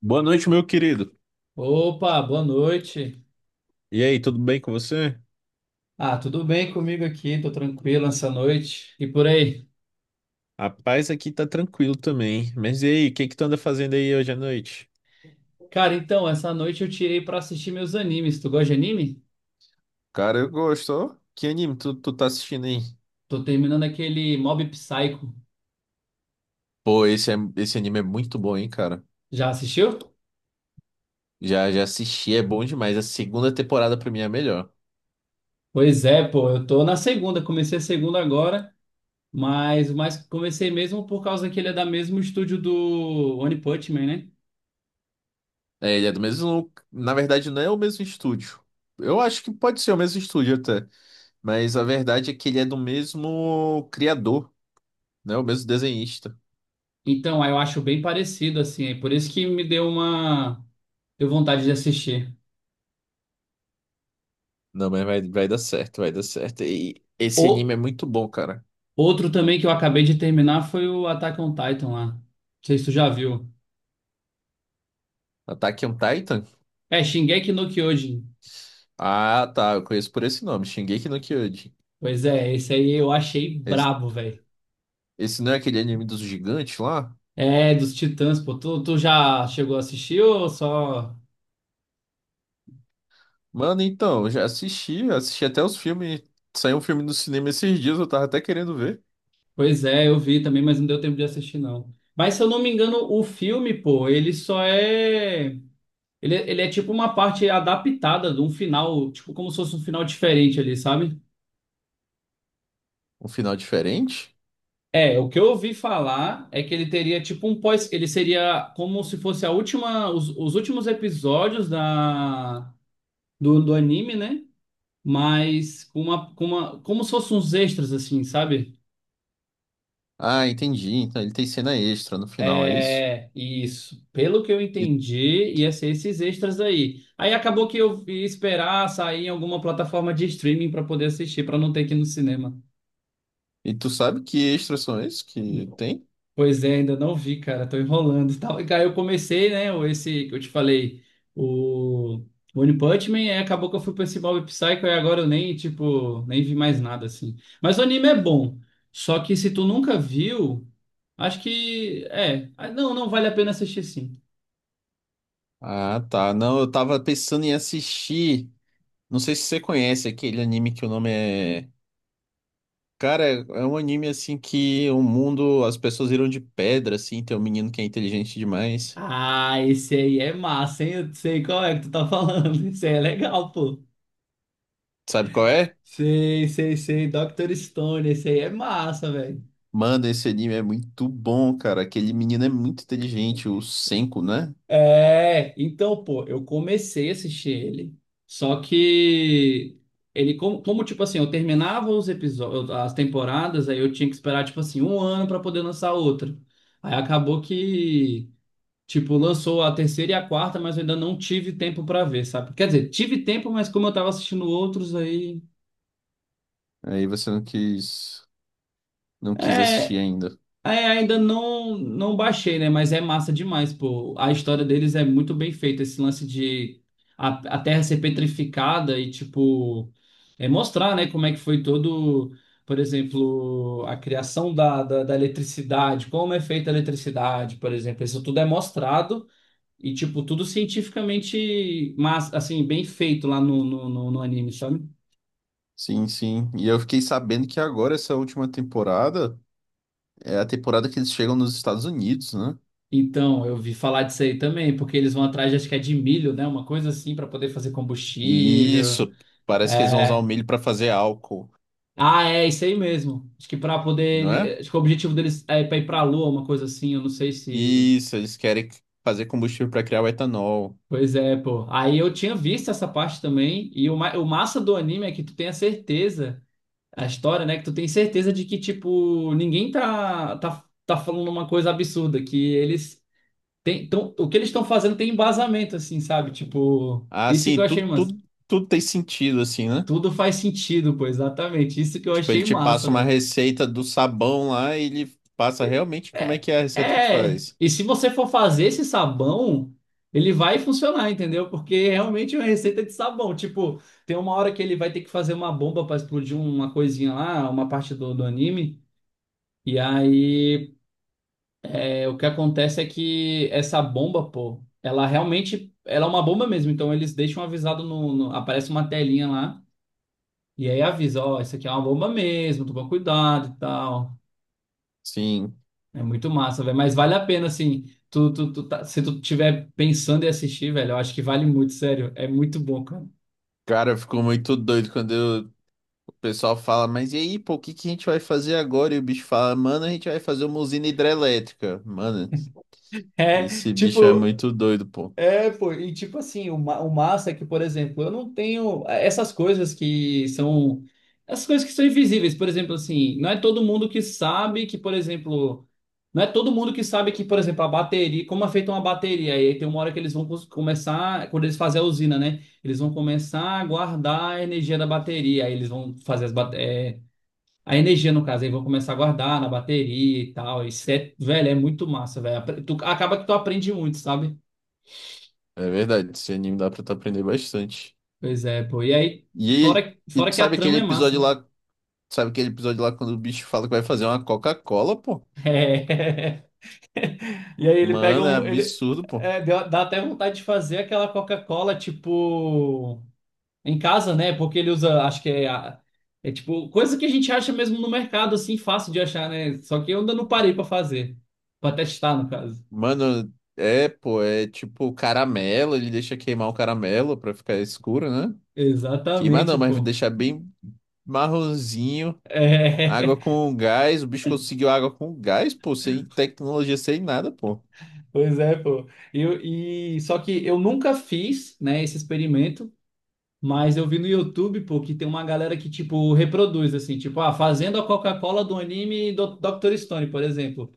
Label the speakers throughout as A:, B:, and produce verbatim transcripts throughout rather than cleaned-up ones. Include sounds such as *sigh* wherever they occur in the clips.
A: Boa noite, meu querido.
B: Opa, boa noite.
A: E aí, tudo bem com você?
B: Ah, tudo bem comigo aqui? Tô tranquilo essa noite. E por aí?
A: A paz aqui tá tranquilo também. Mas e aí, o que que tu anda fazendo aí hoje à noite?
B: Cara, então, essa noite eu tirei pra assistir meus animes. Tu gosta de anime?
A: Cara, eu gosto. Ó, que anime tu, tu tá assistindo aí?
B: Tô terminando aquele Mob Psycho.
A: Pô, esse, é- esse anime é muito bom, hein, cara.
B: Já assistiu?
A: Já, já assisti, é bom demais. A segunda temporada pra mim é a melhor.
B: Pois é, pô, eu tô na segunda, comecei a segunda agora, mas, mas comecei mesmo por causa que ele é da mesmo estúdio do One Punch Man, né?
A: É, ele é do mesmo. Na verdade, não é o mesmo estúdio. Eu acho que pode ser o mesmo estúdio até. Mas a verdade é que ele é do mesmo criador, né? O mesmo desenhista.
B: Então, aí eu acho bem parecido, assim, é por isso que me deu uma... deu vontade de assistir.
A: Não, mas vai, vai dar certo, vai dar certo. E esse
B: Ou
A: anime é muito bom, cara.
B: Outro também que eu acabei de terminar foi o Attack on Titan lá. Não sei se tu já viu.
A: Attack on Titan?
B: É, Shingeki no Kyojin.
A: Ah, tá. Eu conheço por esse nome, Shingeki no Kyojin.
B: Pois é, esse aí eu achei
A: Esse,
B: brabo, velho.
A: esse não é aquele anime dos gigantes lá?
B: É, dos Titãs, pô. Tu, tu já chegou a assistir ou só...
A: Mano, então, eu já assisti, assisti até os filmes. Saiu um filme no cinema esses dias, eu tava até querendo ver.
B: Pois é, eu vi também, mas não deu tempo de assistir, não. Mas se eu não me engano, o filme, pô, ele só é... Ele, ele é tipo uma parte adaptada de um final, tipo como se fosse um final diferente ali, sabe?
A: Um final diferente?
B: É, o que eu ouvi falar é que ele teria tipo um pós, ele seria como se fosse a última, os, os últimos episódios da do, do anime, né? Mas com uma, com uma, como se fossem uns extras assim, sabe?
A: Ah, entendi. Então ele tem cena extra no final, é isso?
B: É, isso. Pelo que eu
A: E,
B: entendi, ia ser esses extras aí. Aí acabou que eu ia esperar sair em alguma plataforma de streaming para poder assistir, para não ter que ir no cinema.
A: e tu sabe que extras são esses que tem?
B: Pois é, ainda não vi, cara, tô enrolando e tal. E cara, eu comecei, né, o- esse que eu te falei, o One Punch Man, e acabou que eu fui pra esse Mob Psycho e agora eu nem, tipo, nem vi mais nada, assim. Mas o anime é bom, só que se tu nunca viu, acho que, é, ah, não, não vale a pena assistir sim.
A: Ah, tá. Não, eu tava pensando em assistir. Não sei se você conhece aquele anime que o nome é. Cara, é é um anime assim que o mundo, as pessoas viram de pedra, assim, tem um menino que é inteligente demais.
B: Ah, esse aí é massa, hein? Eu sei qual é que tu tá falando, *laughs* esse aí é legal, pô.
A: Sabe qual é?
B: Sei, sei, sei, doutor Stone, esse aí é massa, velho.
A: Manda, esse anime é muito bom, cara. Aquele menino é muito inteligente, o Senko, né?
B: É, então, pô, eu comecei a assistir ele. Só que ele, como, como, tipo assim, eu terminava os episódios, as temporadas, aí eu tinha que esperar, tipo assim, um ano pra poder lançar outra. Aí acabou que, tipo, lançou a terceira e a quarta, mas eu ainda não tive tempo pra ver, sabe? Quer dizer, tive tempo, mas como eu tava assistindo outros aí.
A: Aí você não quis, não quis assistir
B: É.
A: ainda.
B: É, ainda não, não baixei, né? Mas é massa demais, pô. A história deles é muito bem feita. Esse lance de a, a Terra ser petrificada e, tipo, é mostrar, né, como é que foi todo, por exemplo, a criação da, da, da eletricidade, como é feita a eletricidade, por exemplo. Isso tudo é mostrado e, tipo, tudo cientificamente, mas, assim, bem feito lá no, no, no, no anime, sabe?
A: Sim, sim. E eu fiquei sabendo que agora essa última temporada é a temporada que eles chegam nos Estados Unidos, né?
B: Então, eu vi falar disso aí também, porque eles vão atrás, acho que é de milho, né? Uma coisa assim, para poder fazer
A: E
B: combustível.
A: isso, parece que eles vão usar o
B: É.
A: milho pra fazer álcool,
B: Ah, é isso aí mesmo. Acho que para
A: não é?
B: poder. Acho que o objetivo deles é para ir para a Lua, uma coisa assim. Eu não sei se.
A: Isso, eles querem fazer combustível para criar o etanol.
B: Pois é, pô. Aí eu tinha visto essa parte também. E o, ma- o massa do anime é que tu tem a certeza, a história, né? Que tu tem certeza de que, tipo, ninguém tá, tá, tá falando uma coisa absurda, que eles tem, então, o que eles estão fazendo tem embasamento, assim, sabe? Tipo,
A: Ah,
B: isso que eu
A: sim,
B: achei
A: tudo,
B: massa.
A: tudo, tudo tem sentido, assim, né?
B: Tudo faz sentido, pô, exatamente. Isso que eu
A: Tipo, ele
B: achei
A: te
B: massa,
A: passa uma
B: velho.
A: receita do sabão lá e ele passa realmente como é
B: É,
A: que é a receita que tu
B: é.
A: faz.
B: E se você for fazer esse sabão, ele vai funcionar, entendeu? Porque realmente é uma receita de sabão. Tipo, tem uma hora que ele vai ter que fazer uma bomba para explodir uma coisinha lá, uma parte do, do anime. E aí, é, o que acontece é que essa bomba, pô, ela realmente, ela é uma bomba mesmo. Então, eles deixam avisado no, no- aparece uma telinha lá. E aí avisa, ó, isso aqui é uma bomba mesmo, toma cuidado e tal.
A: Sim,
B: É muito massa, velho. Mas vale a pena, assim, tu, tu, tu tá- se tu tiver pensando em assistir, velho, eu acho que vale muito, sério. É muito bom, cara.
A: cara, eu fico muito doido quando eu- o pessoal fala, mas e aí, pô, o que que a gente vai fazer agora? E o bicho fala, mano, a gente vai fazer uma usina hidrelétrica. Mano,
B: É,
A: esse bicho é
B: tipo,
A: muito doido, pô.
B: é, pô, e tipo assim, o, ma- o massa é que, por exemplo, eu não tenho é, essas coisas que são. Essas coisas que são invisíveis, por exemplo, assim, não é todo mundo que sabe que, por exemplo. Não é todo mundo que sabe que, por exemplo, a bateria, como é feita uma bateria, e aí tem uma hora que eles vão cons- começar, quando eles fazem a usina, né? Eles vão começar a guardar a energia da bateria, aí eles vão fazer as, bate- é, a energia, no caso, aí vão começar a guardar na bateria e tal. Isso é, velho, é muito massa, velho. Apre- Tu, acaba que tu aprende muito, sabe?
A: É verdade, esse anime dá pra tu aprender bastante.
B: Pois é, pô. E aí,
A: E,
B: fora,
A: e
B: fora
A: tu
B: que a
A: sabe aquele
B: trama é massa,
A: episódio
B: né?
A: lá? Sabe aquele episódio lá quando o bicho fala que vai fazer uma Coca-Cola, pô?
B: É. *laughs* E aí ele pega
A: Mano, é
B: um. Ele,
A: absurdo, pô.
B: é, deu- dá até vontade de fazer aquela Coca-Cola, tipo, em casa, né? Porque ele usa, acho que é, a- é tipo, coisa que a gente acha mesmo no mercado, assim, fácil de achar, né? Só que eu ainda não parei pra fazer. Pra testar, no caso.
A: Mano, é, pô, é tipo caramelo, ele deixa queimar o caramelo pra ficar escuro, né? Queimar
B: Exatamente,
A: não, mas
B: pô.
A: deixar bem marronzinho, água
B: É,
A: com gás, o bicho conseguiu água com gás, pô, sem tecnologia, sem nada, pô.
B: *laughs* pois é, pô. E, eu- e só que eu nunca fiz, né, esse experimento. Mas eu vi no YouTube, pô, que tem uma galera que, tipo, reproduz, assim, tipo, ah, fazendo a Coca-Cola do anime do doutor Stone, por exemplo.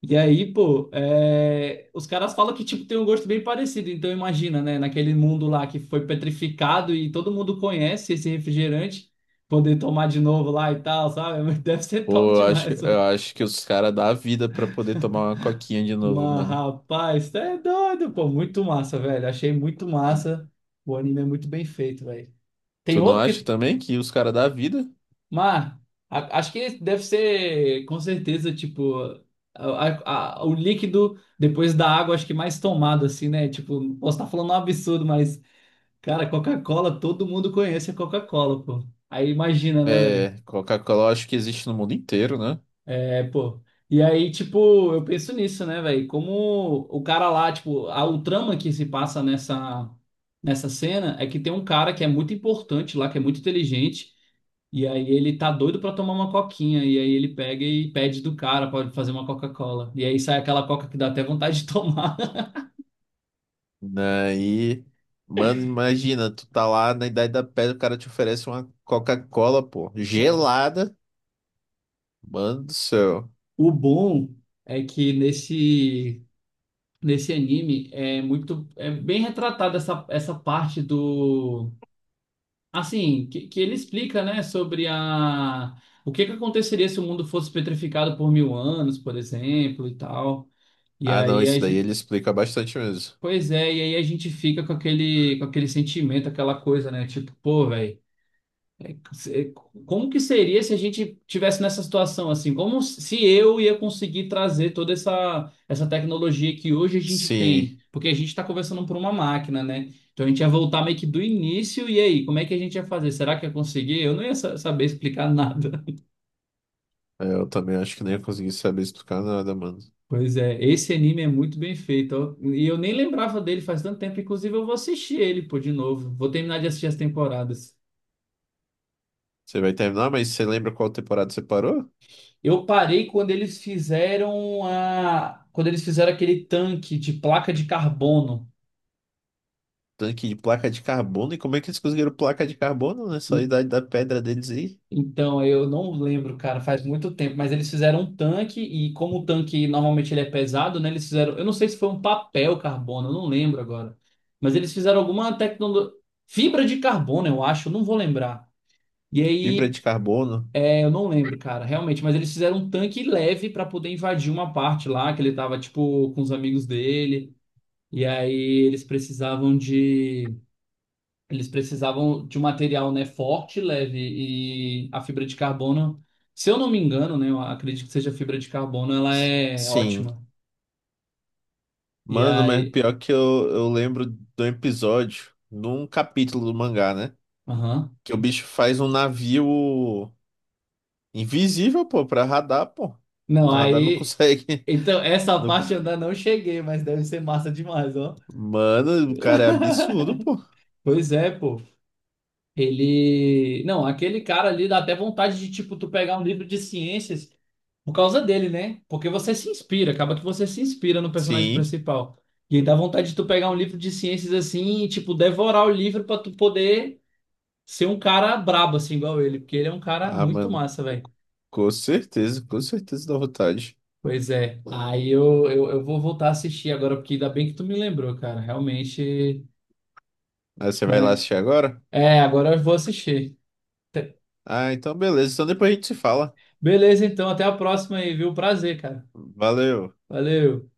B: E aí, pô, é, os caras falam que, tipo, tem um gosto bem parecido. Então, imagina, né, naquele mundo lá que foi petrificado e todo mundo conhece esse refrigerante, poder tomar de novo lá e tal, sabe? *laughs* Deve ser top
A: Pô, eu acho,
B: demais, pô.
A: eu acho que os caras dá a vida pra poder tomar uma coquinha de novo,
B: Mas,
A: mano.
B: rapaz, tá é doido, pô, muito massa, velho. Achei muito massa. O anime é muito bem feito, velho. Tem
A: Tu não
B: outro
A: acha
B: que
A: também que os caras dá a vida?
B: mas a- acho que deve ser, com certeza, tipo, a- a- a- o líquido depois da água, acho que mais tomado, assim, né? Tipo, posso estar falando um absurdo, mas, cara, Coca-Cola, todo mundo conhece a Coca-Cola, pô. Aí imagina, né, velho?
A: É, Coca-Cola eu acho que existe no mundo inteiro, né?
B: É, pô. E aí, tipo, eu penso nisso, né, velho? Como o cara lá, tipo, a, o trama que se passa nessa, nessa cena é que tem um cara que é muito importante lá, que é muito inteligente, e aí ele tá doido pra tomar uma coquinha, e aí ele pega e pede do cara pra fazer uma Coca-Cola. E aí sai aquela coca que dá até vontade de tomar. *laughs*
A: Daí, mano, imagina, tu tá lá na Idade da Pedra, o cara te oferece uma Coca-Cola, pô,
B: É.
A: gelada. Mano do céu.
B: O bom é que nesse, nesse anime é muito, é bem retratada essa, essa parte do. Assim, que, que ele explica, né, sobre a o que que aconteceria se o mundo fosse petrificado por mil anos, por exemplo, e tal. E
A: Ah, não,
B: aí a
A: isso daí
B: gente,
A: ele explica bastante mesmo.
B: pois é, e aí a gente fica com aquele com aquele sentimento, aquela coisa, né, tipo, pô, velho se- como que seria se a gente tivesse nessa situação assim? Como se eu ia conseguir trazer toda essa, essa tecnologia que hoje a gente
A: Sim,
B: tem? Porque a gente está conversando por uma máquina, né? Então a gente ia voltar meio que do início, e aí, como é que a gente ia fazer? Será que ia conseguir? Eu não ia sa- saber explicar nada. *laughs*
A: é, eu também acho que nem ia conseguir saber explicar nada, mano.
B: Pois é, esse anime é muito bem feito, ó. E eu nem lembrava dele faz tanto tempo, inclusive eu vou assistir ele, pô, de novo. Vou terminar de assistir as temporadas.
A: Você vai terminar, mas você lembra qual temporada você parou?
B: Eu parei quando eles fizeram a, quando eles fizeram aquele tanque de placa de carbono.
A: Tanque de placa de carbono, e como é que eles conseguiram placa de carbono nessa
B: En-
A: Idade da Pedra deles aí?
B: Então, eu não lembro, cara, faz muito tempo, mas eles fizeram um tanque e como o tanque normalmente ele é pesado, né? Eles fizeram, eu não sei se foi um papel carbono, eu não lembro agora. Mas eles fizeram alguma tecnologia, fibra de carbono, eu acho, eu não vou lembrar. E
A: Fibra
B: aí,
A: de carbono.
B: é, eu não lembro, cara, realmente, mas eles fizeram um tanque leve para poder invadir uma parte lá que ele tava tipo com os amigos dele. E aí eles precisavam de eles precisavam de um material, né, forte, leve e a fibra de carbono, se eu não me engano, né, eu acredito que seja fibra de carbono, ela
A: S-
B: é
A: Sim.
B: ótima. E
A: Mano, mas
B: aí,
A: pior que eu, eu lembro de um episódio, num capítulo do mangá, né?
B: aham.
A: Que o bicho faz um navio invisível, pô, pra radar, pô.
B: Não,
A: Os radar não
B: aí
A: conseguem.
B: então essa
A: *laughs* não
B: parte
A: cons-
B: eu ainda não cheguei, mas deve ser massa demais, ó.
A: Mano, o cara é absurdo,
B: *laughs*
A: pô.
B: Pois é, pô. Ele. Não, aquele cara ali dá até vontade de, tipo, tu pegar um livro de ciências por causa dele, né? Porque você se inspira, acaba que você se inspira no personagem
A: Sim.
B: principal. E aí dá vontade de tu pegar um livro de ciências assim e, tipo, devorar o livro pra tu poder ser um cara brabo, assim, igual ele. Porque ele é um cara
A: Ah,
B: muito
A: mano,
B: massa, velho.
A: com certeza, com certeza dá vontade.
B: Pois é. Aí eu, eu, eu vou voltar a assistir agora, porque ainda bem que tu me lembrou, cara. Realmente,
A: Aí você vai lá
B: né?
A: assistir agora?
B: É, agora eu vou assistir.
A: Ah, então beleza. Então depois a gente se fala.
B: Beleza, então. Até a próxima aí, viu? Prazer, cara.
A: Valeu.
B: Valeu.